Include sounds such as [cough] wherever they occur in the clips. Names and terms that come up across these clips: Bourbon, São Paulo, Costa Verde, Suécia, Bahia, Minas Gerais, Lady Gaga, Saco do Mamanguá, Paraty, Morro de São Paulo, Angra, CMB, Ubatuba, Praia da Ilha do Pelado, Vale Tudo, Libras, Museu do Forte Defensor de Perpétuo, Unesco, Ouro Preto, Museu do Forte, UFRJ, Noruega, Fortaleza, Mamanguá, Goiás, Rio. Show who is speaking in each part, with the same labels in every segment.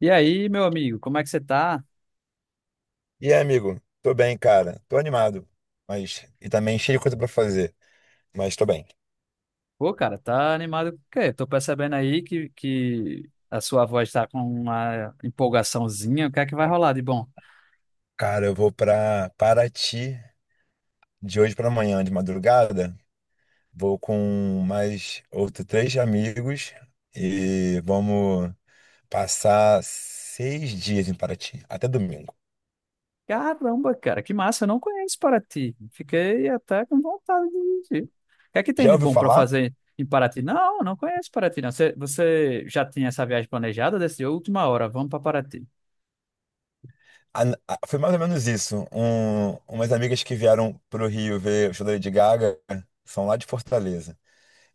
Speaker 1: E aí, meu amigo, como é que você tá?
Speaker 2: E aí, amigo? Tô bem, cara. Tô animado, mas e também cheio de coisa pra fazer, mas tô bem.
Speaker 1: Pô, cara, tá animado com o quê? Tô percebendo aí que a sua voz tá com uma empolgaçãozinha. O que é que vai rolar de bom?
Speaker 2: Cara, eu vou pra Paraty de hoje pra amanhã, de madrugada. Vou com mais outros três amigos e vamos passar seis dias em Paraty, até domingo.
Speaker 1: Caramba, cara, que massa, eu não conheço Paraty. Fiquei até com vontade de ir. O que é que tem
Speaker 2: Já
Speaker 1: de
Speaker 2: ouviu
Speaker 1: bom pra
Speaker 2: falar?
Speaker 1: fazer em Paraty? Não, não conheço Paraty, não. Você já tinha essa viagem planejada? Decidiu, última hora, vamos pra Paraty.
Speaker 2: A- Foi mais ou menos isso. Umas amigas que vieram pro Rio ver o show da Lady Gaga são lá de Fortaleza.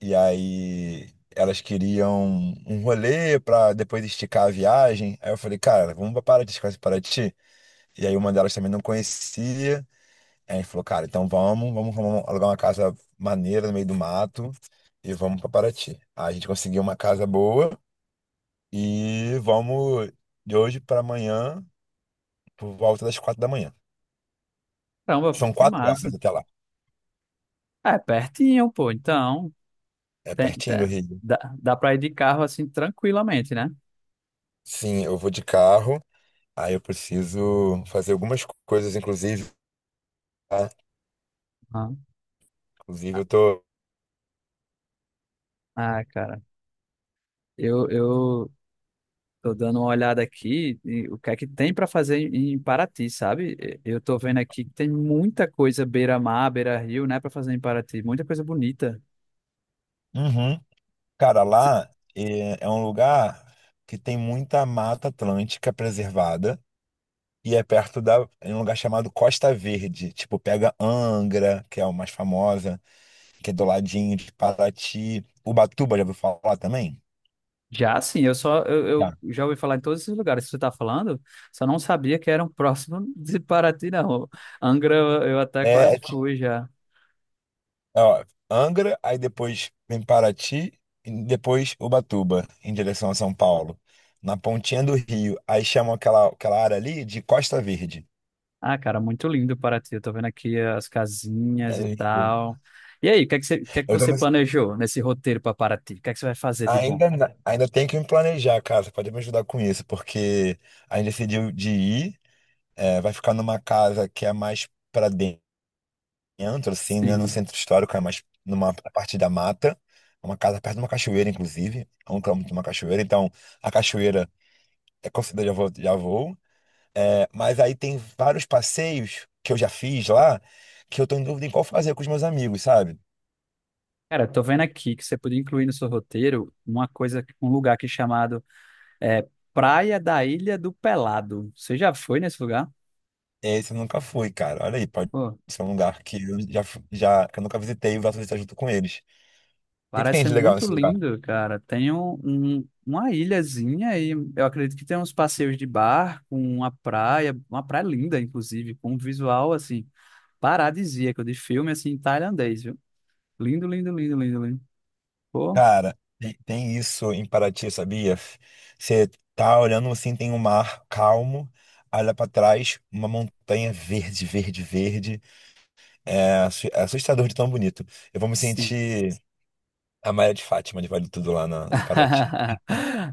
Speaker 2: E aí elas queriam um rolê pra depois esticar a viagem. Aí eu falei, cara, vamos pra Paraty, conhece Paraty? E aí uma delas também não conhecia. Aí a gente falou, cara, então vamos, alugar uma casa maneira no meio do mato e vamos pra Paraty. Aí a gente conseguiu uma casa boa e vamos de hoje pra amanhã, por volta das quatro da manhã.
Speaker 1: Caramba, pô,
Speaker 2: São
Speaker 1: que
Speaker 2: quatro horas
Speaker 1: massa.
Speaker 2: até lá.
Speaker 1: É, pertinho, pô, então.
Speaker 2: É
Speaker 1: Tem,
Speaker 2: pertinho do
Speaker 1: tem-
Speaker 2: Rio.
Speaker 1: dá pra ir de carro assim tranquilamente, né?
Speaker 2: Sim, eu vou de carro. Aí eu preciso fazer algumas coisas, inclusive. Tá?
Speaker 1: Ah.
Speaker 2: Inclusive, eu tô.
Speaker 1: Ah, cara, eu tô dando uma olhada aqui e o que é que tem para fazer em Paraty, sabe? Eu tô vendo aqui que tem muita coisa beira-mar, beira-rio, né, para fazer em Paraty, muita coisa bonita.
Speaker 2: Uhum. Cara,
Speaker 1: Se-
Speaker 2: lá é um lugar que tem muita mata atlântica preservada e é perto da. É um lugar chamado Costa Verde. Tipo, pega Angra, que é o mais famosa, que é do ladinho de Paraty. Ubatuba, já ouviu falar também?
Speaker 1: Já sim, eu só eu,
Speaker 2: Já.
Speaker 1: eu já ouvi falar em todos esses lugares que você tá falando, só não sabia que eram [laughs] próximos de Paraty, não. Angra eu até
Speaker 2: É, é,
Speaker 1: quase
Speaker 2: ti-
Speaker 1: fui já.
Speaker 2: ó, Angra, aí depois vem Paraty, e depois Ubatuba, em direção a São Paulo. Na pontinha do Rio. Aí chamam aquela área ali de Costa Verde.
Speaker 1: Ah, cara, muito lindo Paraty. Eu tô vendo aqui as
Speaker 2: É
Speaker 1: casinhas e
Speaker 2: isso.
Speaker 1: tal. E aí, o que é que você, o que é que
Speaker 2: Eu tô
Speaker 1: você planejou nesse roteiro para Paraty? O que é que você vai fazer de bom?
Speaker 2: Ainda, na- Ainda tem que me planejar, cara. Você pode me ajudar com isso, porque a gente decidiu de ir, vai ficar numa casa que é mais pra dentro, assim, não é no
Speaker 1: Sim.
Speaker 2: centro histórico, é mais numa parte da mata. É uma casa perto de uma cachoeira, inclusive, é um quilômetro de uma cachoeira. Então, a cachoeira é considerada já vou. É, mas aí tem vários passeios que eu já fiz lá, que eu tô em dúvida em qual fazer com os meus amigos, sabe?
Speaker 1: Cara, tô vendo aqui que você podia incluir no seu roteiro uma coisa, um lugar aqui chamado é, Praia da Ilha do Pelado. Você já foi nesse lugar?
Speaker 2: Esse eu nunca fui, cara. Olha aí, pode
Speaker 1: Pô,
Speaker 2: ser um lugar que já que eu nunca visitei e gosto de estar junto com eles. O que que
Speaker 1: parece
Speaker 2: tem
Speaker 1: ser
Speaker 2: de legal
Speaker 1: muito
Speaker 2: nesse lugar?
Speaker 1: lindo, cara. Tem um, uma ilhazinha e eu acredito que tem uns passeios de barco, uma praia linda, inclusive, com um visual, assim, paradisíaco, de filme, assim, tailandês, viu? Lindo, lindo, lindo, lindo, lindo. Pô,
Speaker 2: Cara, tem, tem isso em Paraty, sabia? Você tá olhando assim, tem um mar calmo, olha pra trás, uma montanha verde, verde, verde. É, é assustador de tão bonito. Eu vou me
Speaker 1: sim.
Speaker 2: sentir a Maria de Fátima de Vale Tudo em Paraty.
Speaker 1: [laughs]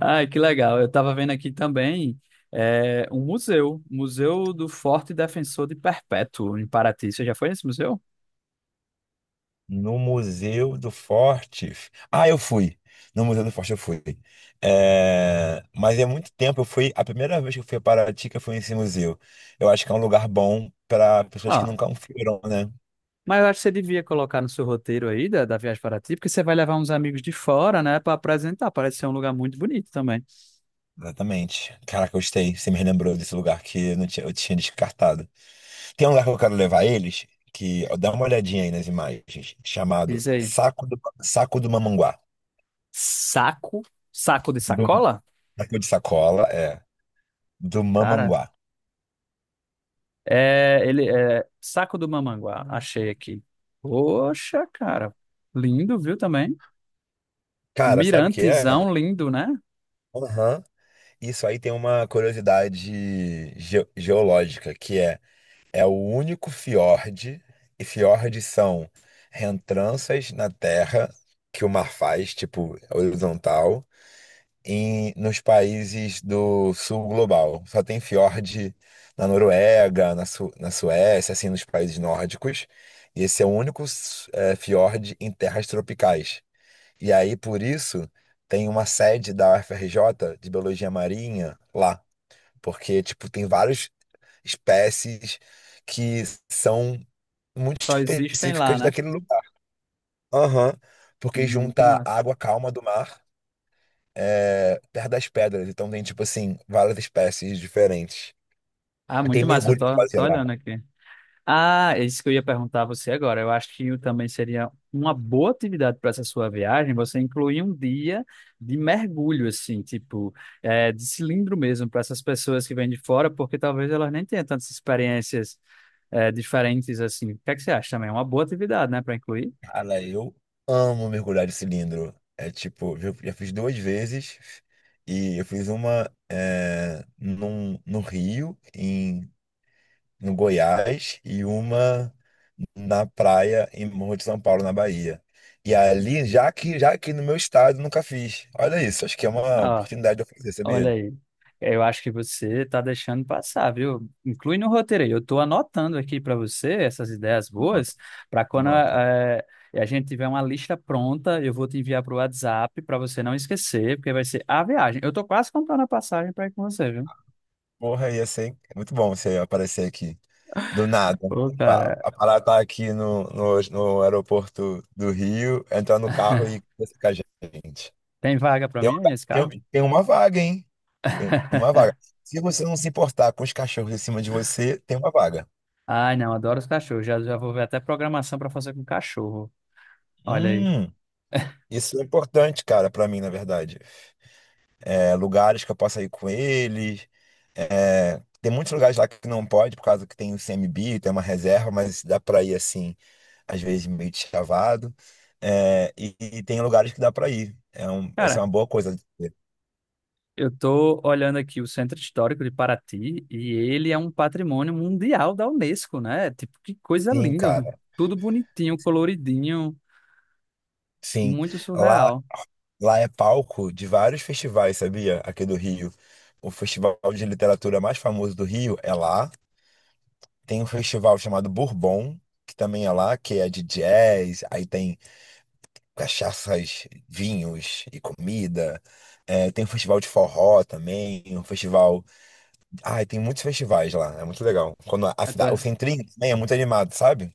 Speaker 1: Ai, que legal. Eu estava vendo aqui também um museu, Museu do Forte Defensor de Perpétuo, em Paraty. Você já foi nesse museu?
Speaker 2: No Museu do Forte. Ah, eu fui. No Museu do Forte eu fui. É, mas é muito tempo. Eu fui. A primeira vez que eu fui a Paraty, que eu fui nesse museu. Eu acho que é um lugar bom para pessoas que
Speaker 1: Ah,
Speaker 2: nunca foram, né?
Speaker 1: mas eu acho que você devia colocar no seu roteiro aí da viagem para Paraty, porque você vai levar uns amigos de fora, né, para apresentar. Parece ser um lugar muito bonito também.
Speaker 2: Exatamente. Caraca, eu gostei. Você me lembrou desse lugar não tinha, eu tinha descartado. Tem um lugar que eu quero levar eles, que ó, dá uma olhadinha aí nas imagens, chamado
Speaker 1: Diz aí.
Speaker 2: Saco do Mamanguá.
Speaker 1: Saco, saco de
Speaker 2: Do,
Speaker 1: sacola?
Speaker 2: Saco de sacola, é. Do
Speaker 1: Cara,
Speaker 2: Mamanguá.
Speaker 1: é, ele é saco do Mamanguá, achei aqui. Poxa, cara, lindo, viu também? Um
Speaker 2: Cara, sabe o que é?
Speaker 1: mirantezão lindo, né?
Speaker 2: Aham. Isso aí tem uma curiosidade geológica, é o único fiord, e fiordes são rentranças na terra que o mar faz, tipo horizontal, nos países do sul global. Só tem fiord na Noruega, na Suécia, assim, nos países nórdicos. E esse é o único fiord em terras tropicais. E aí, por isso, tem uma sede da UFRJ de Biologia Marinha lá. Porque, tipo, tem várias espécies que são muito
Speaker 1: Só existem lá,
Speaker 2: específicas
Speaker 1: né?
Speaker 2: daquele lugar. Aham. Porque
Speaker 1: Muito
Speaker 2: junta a
Speaker 1: massa.
Speaker 2: água calma do mar, perto das pedras. Então tem, tipo assim, várias espécies diferentes.
Speaker 1: Ah,
Speaker 2: Tem
Speaker 1: muito massa, eu
Speaker 2: mergulho pra
Speaker 1: tô,
Speaker 2: fazer
Speaker 1: tô
Speaker 2: lá.
Speaker 1: olhando aqui. Ah, é isso que eu ia perguntar a você agora. Eu acho que também seria uma boa atividade para essa sua viagem, você incluir um dia de mergulho, assim, tipo, de cilindro mesmo, para essas pessoas que vêm de fora, porque talvez elas nem tenham tantas experiências, diferentes assim. O que é que você acha também? É uma boa atividade, né, para incluir?
Speaker 2: Cara, eu amo mergulhar de cilindro. É tipo, eu já fiz duas vezes. E eu fiz no Rio, no Goiás e uma na praia em Morro de São Paulo, na Bahia. E ali, já que já aqui no meu estado, nunca fiz. Olha isso, acho que é uma oportunidade de eu fazer,
Speaker 1: Olha
Speaker 2: sabia?
Speaker 1: aí. Eu acho que você tá deixando passar, viu? Inclui no roteiro aí. Eu tô anotando aqui para você essas ideias
Speaker 2: Nota,
Speaker 1: boas, para quando
Speaker 2: anota.
Speaker 1: a gente tiver uma lista pronta, eu vou te enviar pro WhatsApp para você não esquecer, porque vai ser a viagem. Eu tô quase comprando a passagem para ir com você, viu?
Speaker 2: Porra, ia ser muito bom você aparecer aqui. Do nada.
Speaker 1: Ô, cara,
Speaker 2: A parada tá aqui no aeroporto do Rio, entrar no carro e conversar com a gente.
Speaker 1: tem vaga para
Speaker 2: Tem
Speaker 1: mim
Speaker 2: uma,
Speaker 1: aí nesse carro?
Speaker 2: tem uma vaga, hein? Tem uma
Speaker 1: [laughs]
Speaker 2: vaga. Se você não se importar com os cachorros em cima de você, tem uma vaga.
Speaker 1: Ai, não, adoro os cachorros. Já, já vou ver até programação para fazer com cachorro. Olha aí.
Speaker 2: Hum. Isso é importante, cara, pra mim, na verdade. É, lugares que eu possa ir com eles. Tem muitos lugares lá que não pode, por causa que tem o CMB, tem uma reserva, mas dá pra ir assim, às vezes meio de chavado. E tem lugares que dá pra ir. É um, essa é
Speaker 1: Cara,
Speaker 2: uma boa coisa. De ter.
Speaker 1: eu tô olhando aqui o Centro Histórico de Paraty e ele é um patrimônio mundial da UNESCO, né? Tipo, que coisa
Speaker 2: Sim,
Speaker 1: linda.
Speaker 2: cara.
Speaker 1: Tudo bonitinho, coloridinho,
Speaker 2: Sim.
Speaker 1: muito
Speaker 2: Lá,
Speaker 1: surreal.
Speaker 2: lá é palco de vários festivais, sabia? Aqui do Rio. O festival de literatura mais famoso do Rio é lá. Tem um festival chamado Bourbon, que também é lá, que é de jazz, aí tem cachaças, vinhos e comida. É, tem um festival de forró também, um festival. Ai, tem muitos festivais lá, é muito legal. Quando a
Speaker 1: Eu
Speaker 2: cidade, o
Speaker 1: tô-
Speaker 2: Centrinho também é muito animado, sabe?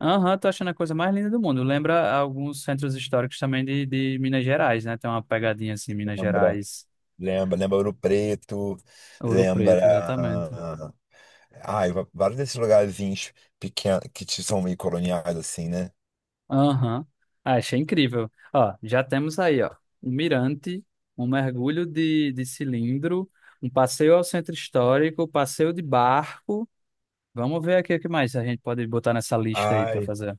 Speaker 1: aham, tô achando a coisa mais linda do mundo. Lembra alguns centros históricos também de Minas Gerais, né? Tem uma pegadinha assim, Minas
Speaker 2: Lembra,
Speaker 1: Gerais,
Speaker 2: lembra Ouro Preto,
Speaker 1: Ouro
Speaker 2: lembra.
Speaker 1: Preto, exatamente.
Speaker 2: Ai, vários desses lugarzinhos pequenos são meio coloniais, assim, né?
Speaker 1: Aham. Ah, achei incrível. Ó, já temos aí, ó, um mirante, um mergulho de cilindro, um passeio ao centro histórico, passeio de barco. Vamos ver aqui o que mais a gente pode botar nessa lista aí para
Speaker 2: Ai,
Speaker 1: fazer.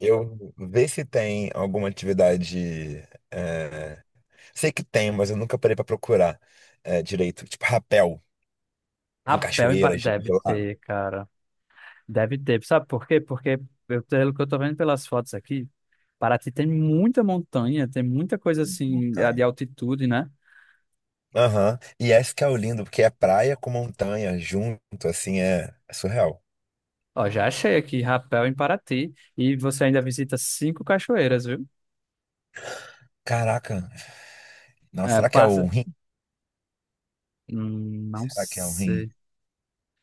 Speaker 2: eu ver se tem alguma atividade. é, Sei que tem, mas eu nunca parei pra procurar direito. Tipo rapel em cachoeiras
Speaker 1: Deve
Speaker 2: gelado,
Speaker 1: ter, cara. Deve ter. Sabe por quê? Porque eu, pelo que eu tô vendo pelas fotos aqui, Paraty tem muita montanha, tem muita coisa assim a de
Speaker 2: montanha.
Speaker 1: altitude, né?
Speaker 2: Aham. E esse que é o lindo, porque é praia com montanha junto, assim, é surreal.
Speaker 1: Ó, já achei aqui, rapel em Paraty. E você ainda visita cinco cachoeiras, viu?
Speaker 2: Caraca. Nossa,
Speaker 1: É.
Speaker 2: será que é o rim?
Speaker 1: Não
Speaker 2: Será que é o rim?
Speaker 1: sei.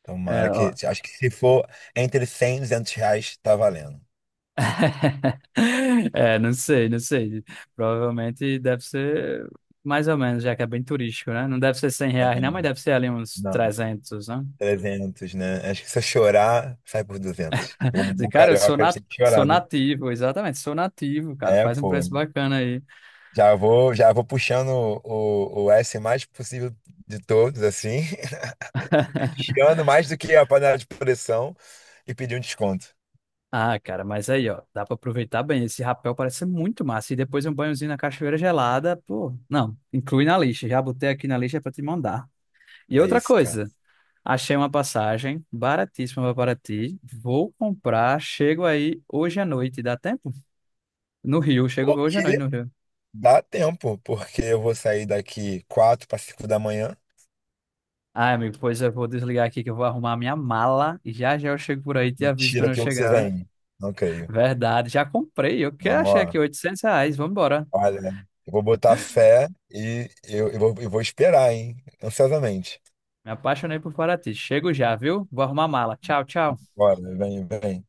Speaker 2: Tomara
Speaker 1: É,
Speaker 2: que.
Speaker 1: ó.
Speaker 2: Acho que se for entre 100 e R$ 200, tá valendo.
Speaker 1: [laughs] É, não sei, não sei. Provavelmente deve ser mais ou menos, já que é bem turístico, né? Não deve ser R$ 100, não, mas
Speaker 2: É,
Speaker 1: deve ser ali uns
Speaker 2: não,
Speaker 1: 300, né?
Speaker 2: 300, né? Acho que se eu chorar, sai por 200. Como um
Speaker 1: Dizer,
Speaker 2: bom
Speaker 1: cara,
Speaker 2: carioca, a gente tem que
Speaker 1: sou
Speaker 2: chorar, né?
Speaker 1: nativo, exatamente, sou nativo, cara.
Speaker 2: É,
Speaker 1: Faz um
Speaker 2: pô.
Speaker 1: preço bacana aí.
Speaker 2: Já vou puxando o S mais possível de todos, assim. [laughs] Tirando mais do que a panela de pressão e pedir um desconto.
Speaker 1: Ah, cara, mas aí, ó, dá pra aproveitar bem. Esse rapel parece ser muito massa. E depois um banhozinho na cachoeira gelada, pô. Não, inclui na lista. Já botei aqui na lista pra te mandar. E
Speaker 2: É
Speaker 1: outra
Speaker 2: isso, cara.
Speaker 1: coisa, achei uma passagem baratíssima para Paraty. Vou comprar, chego aí hoje à noite, dá tempo? No Rio, chego hoje à
Speaker 2: Porque
Speaker 1: noite no Rio.
Speaker 2: dá tempo, porque eu vou sair daqui 4 para 5 da manhã.
Speaker 1: Ai, amigo, pois eu vou desligar aqui que eu vou arrumar a minha mala e já já eu chego por aí, te aviso quando
Speaker 2: Mentira
Speaker 1: eu
Speaker 2: que você
Speaker 1: chegar, viu?
Speaker 2: vem. Não creio.
Speaker 1: Verdade, já comprei, eu que
Speaker 2: Não,
Speaker 1: achei
Speaker 2: ó,
Speaker 1: aqui R$ 800, vamos embora.
Speaker 2: olha, eu vou botar fé eu vou esperar, hein? Ansiosamente.
Speaker 1: Me apaixonei por Paraty. Chego já, viu? Vou arrumar a mala. Tchau, tchau.
Speaker 2: Bora, vem, vem.